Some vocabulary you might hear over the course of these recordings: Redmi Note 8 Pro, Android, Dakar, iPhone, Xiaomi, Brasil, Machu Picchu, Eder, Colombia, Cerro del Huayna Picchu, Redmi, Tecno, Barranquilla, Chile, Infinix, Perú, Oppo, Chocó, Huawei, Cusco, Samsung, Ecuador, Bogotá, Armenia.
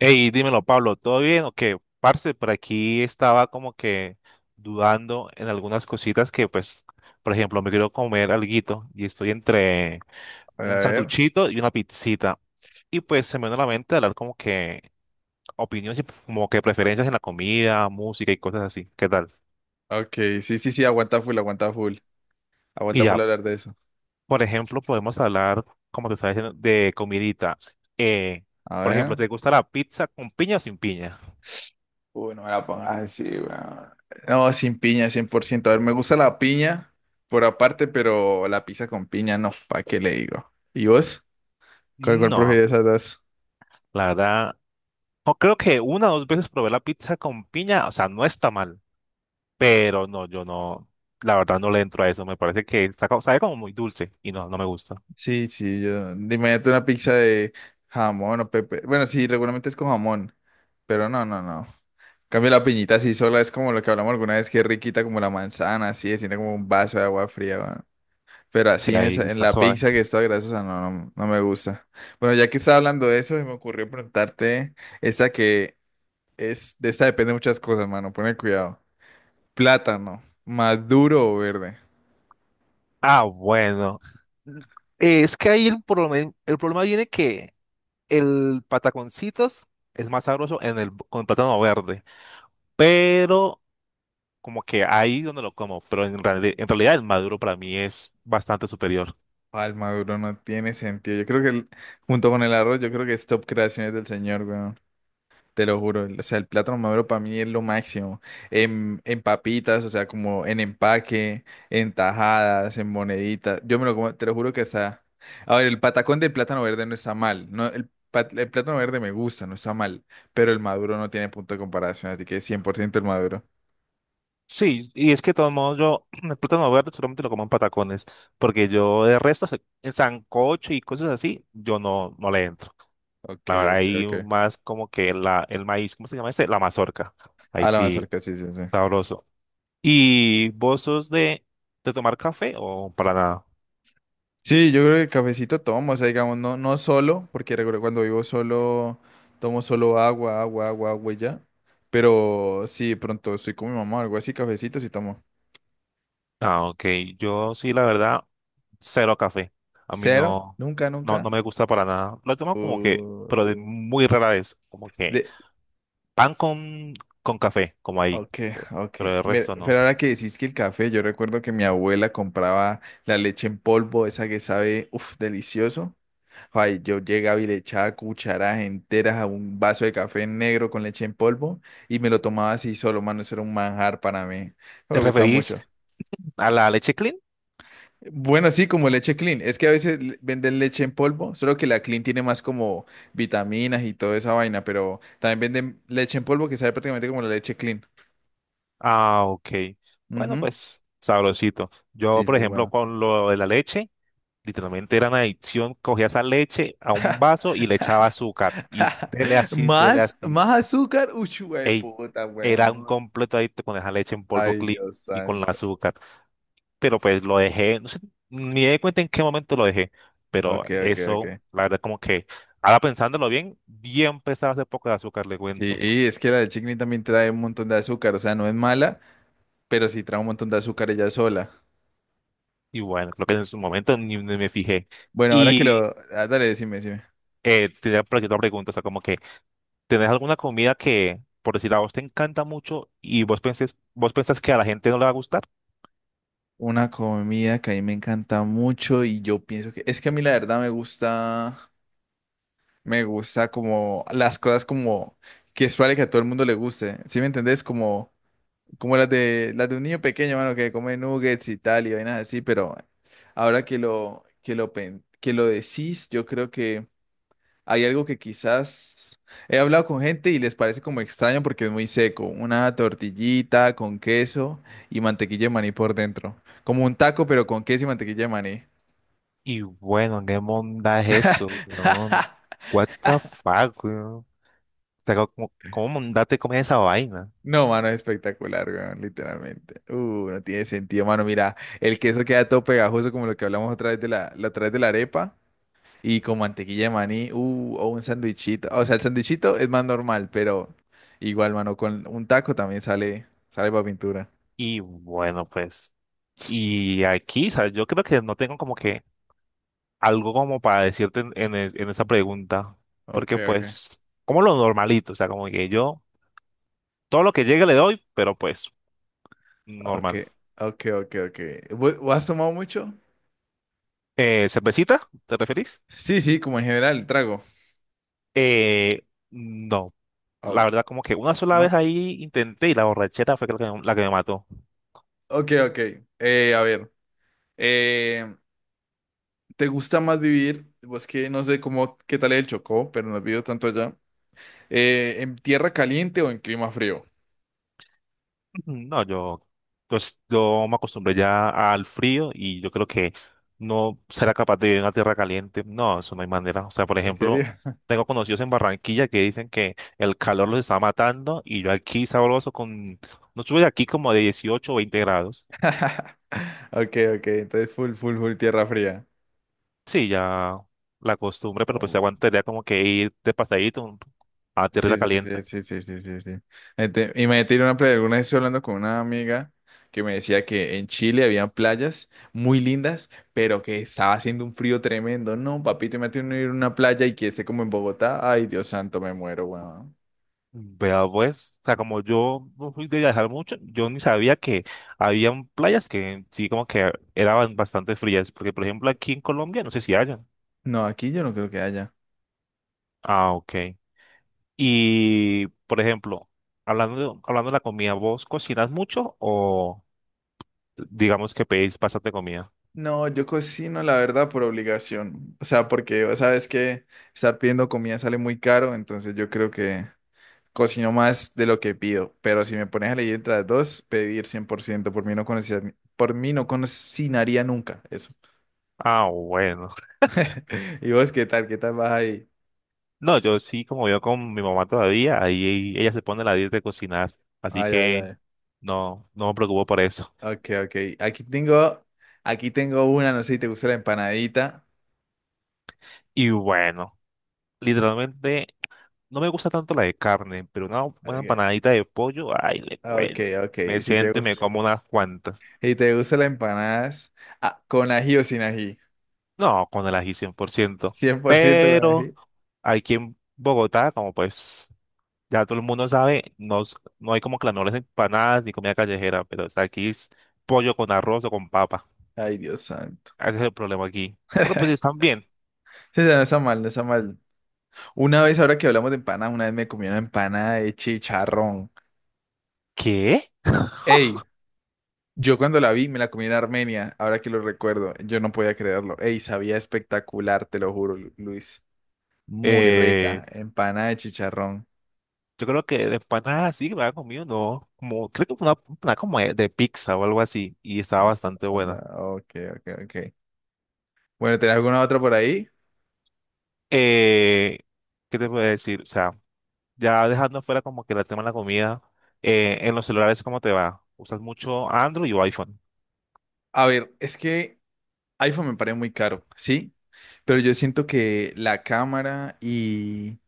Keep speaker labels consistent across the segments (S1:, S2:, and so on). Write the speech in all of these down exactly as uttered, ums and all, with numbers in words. S1: Hey, dímelo, Pablo, ¿todo bien o qué? Parce, por aquí estaba como que dudando en algunas cositas que, pues, por ejemplo, me quiero comer alguito y estoy entre
S2: A
S1: un
S2: ver.
S1: sanduchito y una pizzita. Y pues se me vino a la mente hablar como que opiniones y como que preferencias en la comida, música y cosas así. ¿Qué tal?
S2: Ok, sí, sí, sí, aguanta full, aguanta full.
S1: Y
S2: Aguanta full
S1: ya,
S2: hablar de eso.
S1: por ejemplo, podemos hablar, como te estaba diciendo, de comidita. Eh,
S2: A
S1: por
S2: ver.
S1: ejemplo, ¿te gusta la pizza con piña o sin piña?
S2: Uy, no me la pongas así, weón. No, sin piña, cien por ciento. A ver, me gusta la piña por aparte, pero la pizza con piña no, ¿para qué le digo? ¿Y vos? ¿Cuál, cuál
S1: No,
S2: prefieres de esas dos?
S1: la verdad. No, creo que una o dos veces probé la pizza con piña, o sea, no está mal, pero no, yo no, la verdad no le entro a eso, me parece que está, co- sabe como muy dulce y no, no me gusta.
S2: Sí, sí, yo. Imagínate una pizza de jamón o pepe. Bueno, sí, regularmente es con jamón, pero no, no, no. En cambio la piñita así sola, es como lo que hablamos alguna vez, que es riquita como la manzana, así, se siente como un vaso de agua fría. Pero
S1: Sí,
S2: así en
S1: ahí
S2: esa, en
S1: está
S2: la
S1: suave.
S2: pizza que es toda grasosa, no, no, no me gusta. Bueno, ya que estaba hablando de eso, se me ocurrió preguntarte esta que es, de esta depende de muchas cosas, mano, pone cuidado. Plátano, ¿maduro o verde?
S1: Ah, bueno. Mm, es que ahí el problema, el problema viene que el pataconcitos es más sabroso en el, con el plátano verde, pero como que ahí donde lo como, pero en, reali- en realidad el maduro para mí es bastante superior.
S2: Ah, el maduro no tiene sentido. Yo creo que el- junto con el arroz, yo creo que es top creaciones del señor, weón. Te lo juro, o sea, el plátano maduro para mí es lo máximo. En, en papitas, o sea, como en empaque, en tajadas, en moneditas. Yo me lo como, te lo juro que está. A ver, el patacón del plátano verde no está mal. No, el, pat- el plátano verde me gusta, no está mal. Pero el maduro no tiene punto de comparación, así que cien por ciento el maduro.
S1: Sí, y es que de todos modos yo el plátano verde solamente lo como en patacones, porque yo de resto se- en sancocho y cosas así, yo no, no le entro.
S2: Ok,
S1: La verdad,
S2: ok,
S1: ahí
S2: ok.
S1: más como que la, el maíz, ¿cómo se llama este? La mazorca. Ahí
S2: A la
S1: sí,
S2: mazorca, sí, sí, sí.
S1: sabroso. ¿Y vos sos de, de tomar café o para nada?
S2: Sí, yo creo que cafecito tomo, o sea, digamos, no, no solo, porque recuerdo cuando vivo solo, tomo solo agua, agua, agua, agua y ya. Pero sí, de pronto estoy con mi mamá o algo así, cafecito sí tomo.
S1: Ah, ok. Yo sí, la verdad, cero café. A mí
S2: Cero,
S1: no,
S2: nunca,
S1: no, no
S2: nunca.
S1: me gusta para nada. Lo tomo como que,
S2: Uh,
S1: pero de muy rara vez, como que
S2: de,
S1: Pan con, con café, como ahí.
S2: ok, ok.
S1: Pero el
S2: Ver-
S1: resto
S2: Pero
S1: no.
S2: ahora que decís que el café, yo recuerdo que mi abuela compraba la leche en polvo, esa que sabe, uff, delicioso. Ay, yo llegaba y le echaba cucharadas enteras a un vaso de café negro con leche en polvo y me lo tomaba así solo, mano, eso era un manjar para mí. No
S1: ¿Te
S2: me gusta
S1: referís
S2: mucho.
S1: a la leche clean?
S2: Bueno, sí, como leche Clean. Es que a veces le- venden leche en polvo, solo que la Clean tiene más como vitaminas y toda esa vaina, pero también venden leche en polvo que sabe prácticamente como la leche Clean.
S1: Ah, ok. Bueno,
S2: Ujú.
S1: pues sabrosito. Yo,
S2: Sí,
S1: por
S2: sí, es
S1: ejemplo,
S2: bueno.
S1: con lo de la leche, literalmente era una adicción. Cogía esa leche a un vaso y le echaba azúcar. Y dele así, dele
S2: Más,
S1: así.
S2: más azúcar. Uy,
S1: Ey,
S2: puta,
S1: era un
S2: weón.
S1: completo adicto con esa leche en polvo
S2: Ay,
S1: clean
S2: Dios
S1: y con el
S2: santo.
S1: azúcar. Pero pues lo dejé, no sé, ni me di cuenta en qué momento lo dejé, pero
S2: Ok, ok,
S1: eso,
S2: ok.
S1: la verdad, como que ahora pensándolo bien, bien pesado ese poco de azúcar, le
S2: Sí,
S1: cuento.
S2: y es que la de chickpea también trae un montón de azúcar, o sea, no es mala, pero sí trae un montón de azúcar ella sola.
S1: Y bueno, creo que en su momento ni, ni me fijé.
S2: Bueno, ahora que
S1: Y
S2: lo... ah, dale, decime, decime.
S1: eh, tenía por aquí otra pregunta, o sea, como que, ¿tenés alguna comida que, por decir, a vos te encanta mucho y vos pensés, vos pensás que a la gente no le va a gustar?
S2: Una comida que a mí me encanta mucho y yo pienso que... Es que a mí la verdad me gusta... Me gusta como las cosas como... Que es probable que a todo el mundo le guste, ¿sí me entendés? Como, como, las de, las de un niño pequeño, mano, que come nuggets y tal y vainas así, pero ahora que lo, que lo, pen- que lo decís, yo creo que... Hay algo que quizás he hablado con gente y les parece como extraño porque es muy seco. Una tortillita con queso y mantequilla de maní por dentro. Como un taco, pero con queso y mantequilla de maní.
S1: Y bueno, ¿qué monda es eso, weón? What the fuck, weón? O sea, ¿cómo, cómo monda te comes esa vaina?
S2: No, mano, es espectacular, weón, literalmente. Uh, no tiene sentido, mano. Mira, el queso queda todo pegajoso como lo que hablamos otra vez de la, la otra vez de la arepa. Y con mantequilla de maní, uh, o un sandwichito. O sea, el sandwichito es más normal, pero igual, mano, con un taco también sale, sale para pintura.
S1: Y bueno, pues, y aquí, ¿sabes? Yo creo que no tengo como que algo como para decirte en, en e- en esa pregunta,
S2: Ok,
S1: porque
S2: ok.
S1: pues, como lo normalito, o sea, como que yo, todo lo que llegue le doy, pero pues,
S2: Ok,
S1: normal.
S2: ok, ok, ok. ¿Vo- ¿Vos has tomado mucho?
S1: Eh, ¿cervecita? ¿Te referís?
S2: Sí, sí, como en general, el trago.
S1: Eh, no, la
S2: Oh,
S1: verdad como que una sola vez
S2: ¿no?
S1: ahí intenté y la borrachera fue la que, la que me mató.
S2: Ok, ok. Eh, a ver. eh, ¿te gusta más vivir? Pues que no sé cómo, qué tal es el Chocó, pero no he vivido tanto allá. Eh, ¿en tierra caliente o en clima frío?
S1: No, yo, pues yo me acostumbré ya al frío y yo creo que no será capaz de vivir en una tierra caliente. No, eso no hay manera. O sea, por
S2: ¿En serio?
S1: ejemplo, tengo conocidos en Barranquilla que dicen que el calor los está matando y yo aquí sabroso con, no sube aquí como de dieciocho, o veinte grados.
S2: Ok, ok. Entonces, full, full, full tierra fría.
S1: Sí, ya la costumbre, pero pues se aguantaría como que ir de pasadito a tierra
S2: Sí, sí, sí,
S1: caliente.
S2: sí, sí, sí, sí, sí. Este, imagínate ir a una playa. Alguna vez estoy hablando con una amiga que me decía que en Chile había playas muy lindas, pero que estaba haciendo un frío tremendo. No, papito, imagínate uno ir a una playa y que esté como en Bogotá. Ay, Dios santo, me muero, weón.
S1: Vea pues, o sea, como yo no fui de viajar mucho, yo ni sabía que habían playas que sí como que eran bastante frías, porque por ejemplo aquí en Colombia no sé si hayan.
S2: No, aquí yo no creo que haya.
S1: Ah, ok. Y por ejemplo, hablando de, hablando de la comida, ¿vos cocinas mucho o digamos que pedís bastante comida?
S2: No, yo cocino, la verdad, por obligación. O sea, porque sabes que estar pidiendo comida sale muy caro, entonces yo creo que cocino más de lo que pido, pero si me pones a elegir entre las dos, pedir cien por ciento por mí no conocía- por mí no cocinaría nunca eso.
S1: Ah, bueno.
S2: ¿Y vos qué tal? ¿Qué tal vas ahí?
S1: No, yo sí como vivo con mi mamá todavía, ahí ella se pone la dieta de cocinar, así
S2: Ay, ay,
S1: que
S2: ay.
S1: no, no me preocupo por eso.
S2: Ok, ok. Aquí tengo, aquí tengo una, no sé si te gusta la empanadita.
S1: Y bueno. Literalmente no me gusta tanto la de carne, pero una buena
S2: Ok,
S1: empanadita de pollo, ay, le
S2: ok,
S1: cuento.
S2: ok.
S1: Me
S2: Si te
S1: siento y me
S2: gusta,
S1: como unas cuantas.
S2: si te gusta la empanadas, ah, con ají o sin ají.
S1: No, con el ají cien por ciento.
S2: Cien por ciento con
S1: Pero
S2: ají.
S1: aquí en Bogotá, como pues ya todo el mundo sabe, no, s- no hay como clamores de empanadas ni comida callejera, pero o sea, aquí es pollo con arroz o con papa.
S2: Ay, Dios santo.
S1: Ese es el problema aquí. Pero pues están bien.
S2: Sí, sí, no está mal, no está mal. Una vez, ahora que hablamos de empanadas, una vez me comí una empanada de chicharrón.
S1: ¿Qué?
S2: Ey, yo cuando la vi me la comí en Armenia, ahora que lo recuerdo, yo no podía creerlo. Ey, sabía espectacular, te lo juro, Lu- Luis. Muy
S1: Eh,
S2: rica, empanada de chicharrón.
S1: yo creo que de empanadas sí que me había comido, no. Como, creo que fue una empanada como de de pizza o algo así y estaba bastante
S2: Onda,
S1: buena.
S2: ok, ok, ok. Bueno, ¿tenés alguna otra por ahí?
S1: Eh, ¿qué te puedo decir? O sea, ya dejando fuera como que el tema de la comida, eh, en los celulares, ¿cómo te va? ¿Usas mucho Android o iPhone?
S2: A ver, es que iPhone me parece muy caro, ¿sí? Pero yo siento que la cámara y,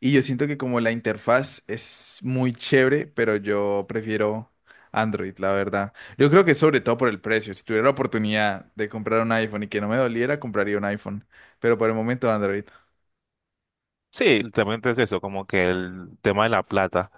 S2: y yo siento que como la interfaz es muy chévere, pero yo prefiero Android, la verdad. Yo creo que sobre todo por el precio. Si tuviera la oportunidad de comprar un iPhone y que no me doliera, compraría un iPhone. Pero por el momento Android.
S1: Sí, literalmente es eso, como que el tema de la plata.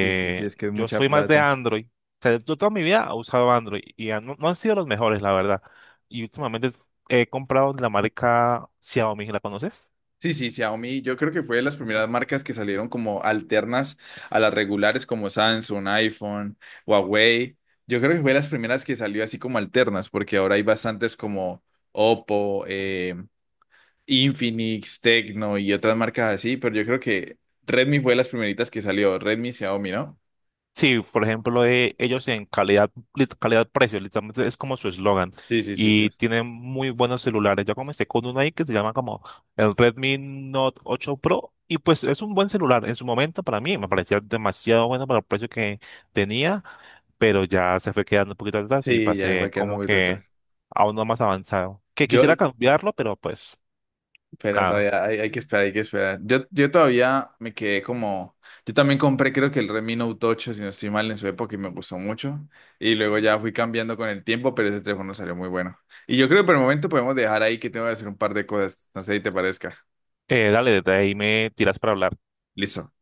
S2: Sí, sí, sí, es que es
S1: yo
S2: mucha
S1: soy más de
S2: plata.
S1: Android. O sea, yo toda mi vida he usado Android y han- no, no han sido los mejores, la verdad. Y últimamente he comprado de la marca Xiaomi, ¿la conoces?
S2: Sí, sí, Xiaomi, yo creo que fue de las primeras marcas que salieron como alternas a las regulares como Samsung, iPhone, Huawei. Yo creo que fue de las primeras que salió así como alternas, porque ahora hay bastantes como Oppo, eh, Infinix, Tecno y otras marcas así, pero yo creo que Redmi fue de las primeritas que salió, Redmi, Xiaomi, ¿no?
S1: Sí, por ejemplo, eh, ellos en calidad, lit- calidad-precio, literalmente es como su eslogan.
S2: Sí, sí, sí, sí.
S1: Y tienen muy buenos celulares. Yo comencé con uno ahí que se llama como el Redmi Note ocho Pro. Y pues es un buen celular. En su momento para mí me parecía demasiado bueno para el precio que tenía, pero ya se fue quedando un poquito atrás y
S2: Sí, ya fue
S1: pasé
S2: quedando
S1: como
S2: muy detrás.
S1: que a uno más avanzado. Que
S2: Yo,
S1: quisiera cambiarlo, pero pues
S2: Pero
S1: nada.
S2: todavía hay, hay que esperar, hay que esperar. Yo, yo todavía me quedé como. Yo también compré, creo que el Redmi Note ocho, si no estoy mal, en su época y me gustó mucho. Y luego ya fui cambiando con el tiempo, pero ese teléfono salió muy bueno. Y yo creo que por el momento podemos dejar ahí que tengo que hacer un par de cosas. No sé si te parezca.
S1: Eh, dale, desde ahí me tiras para hablar.
S2: Listo.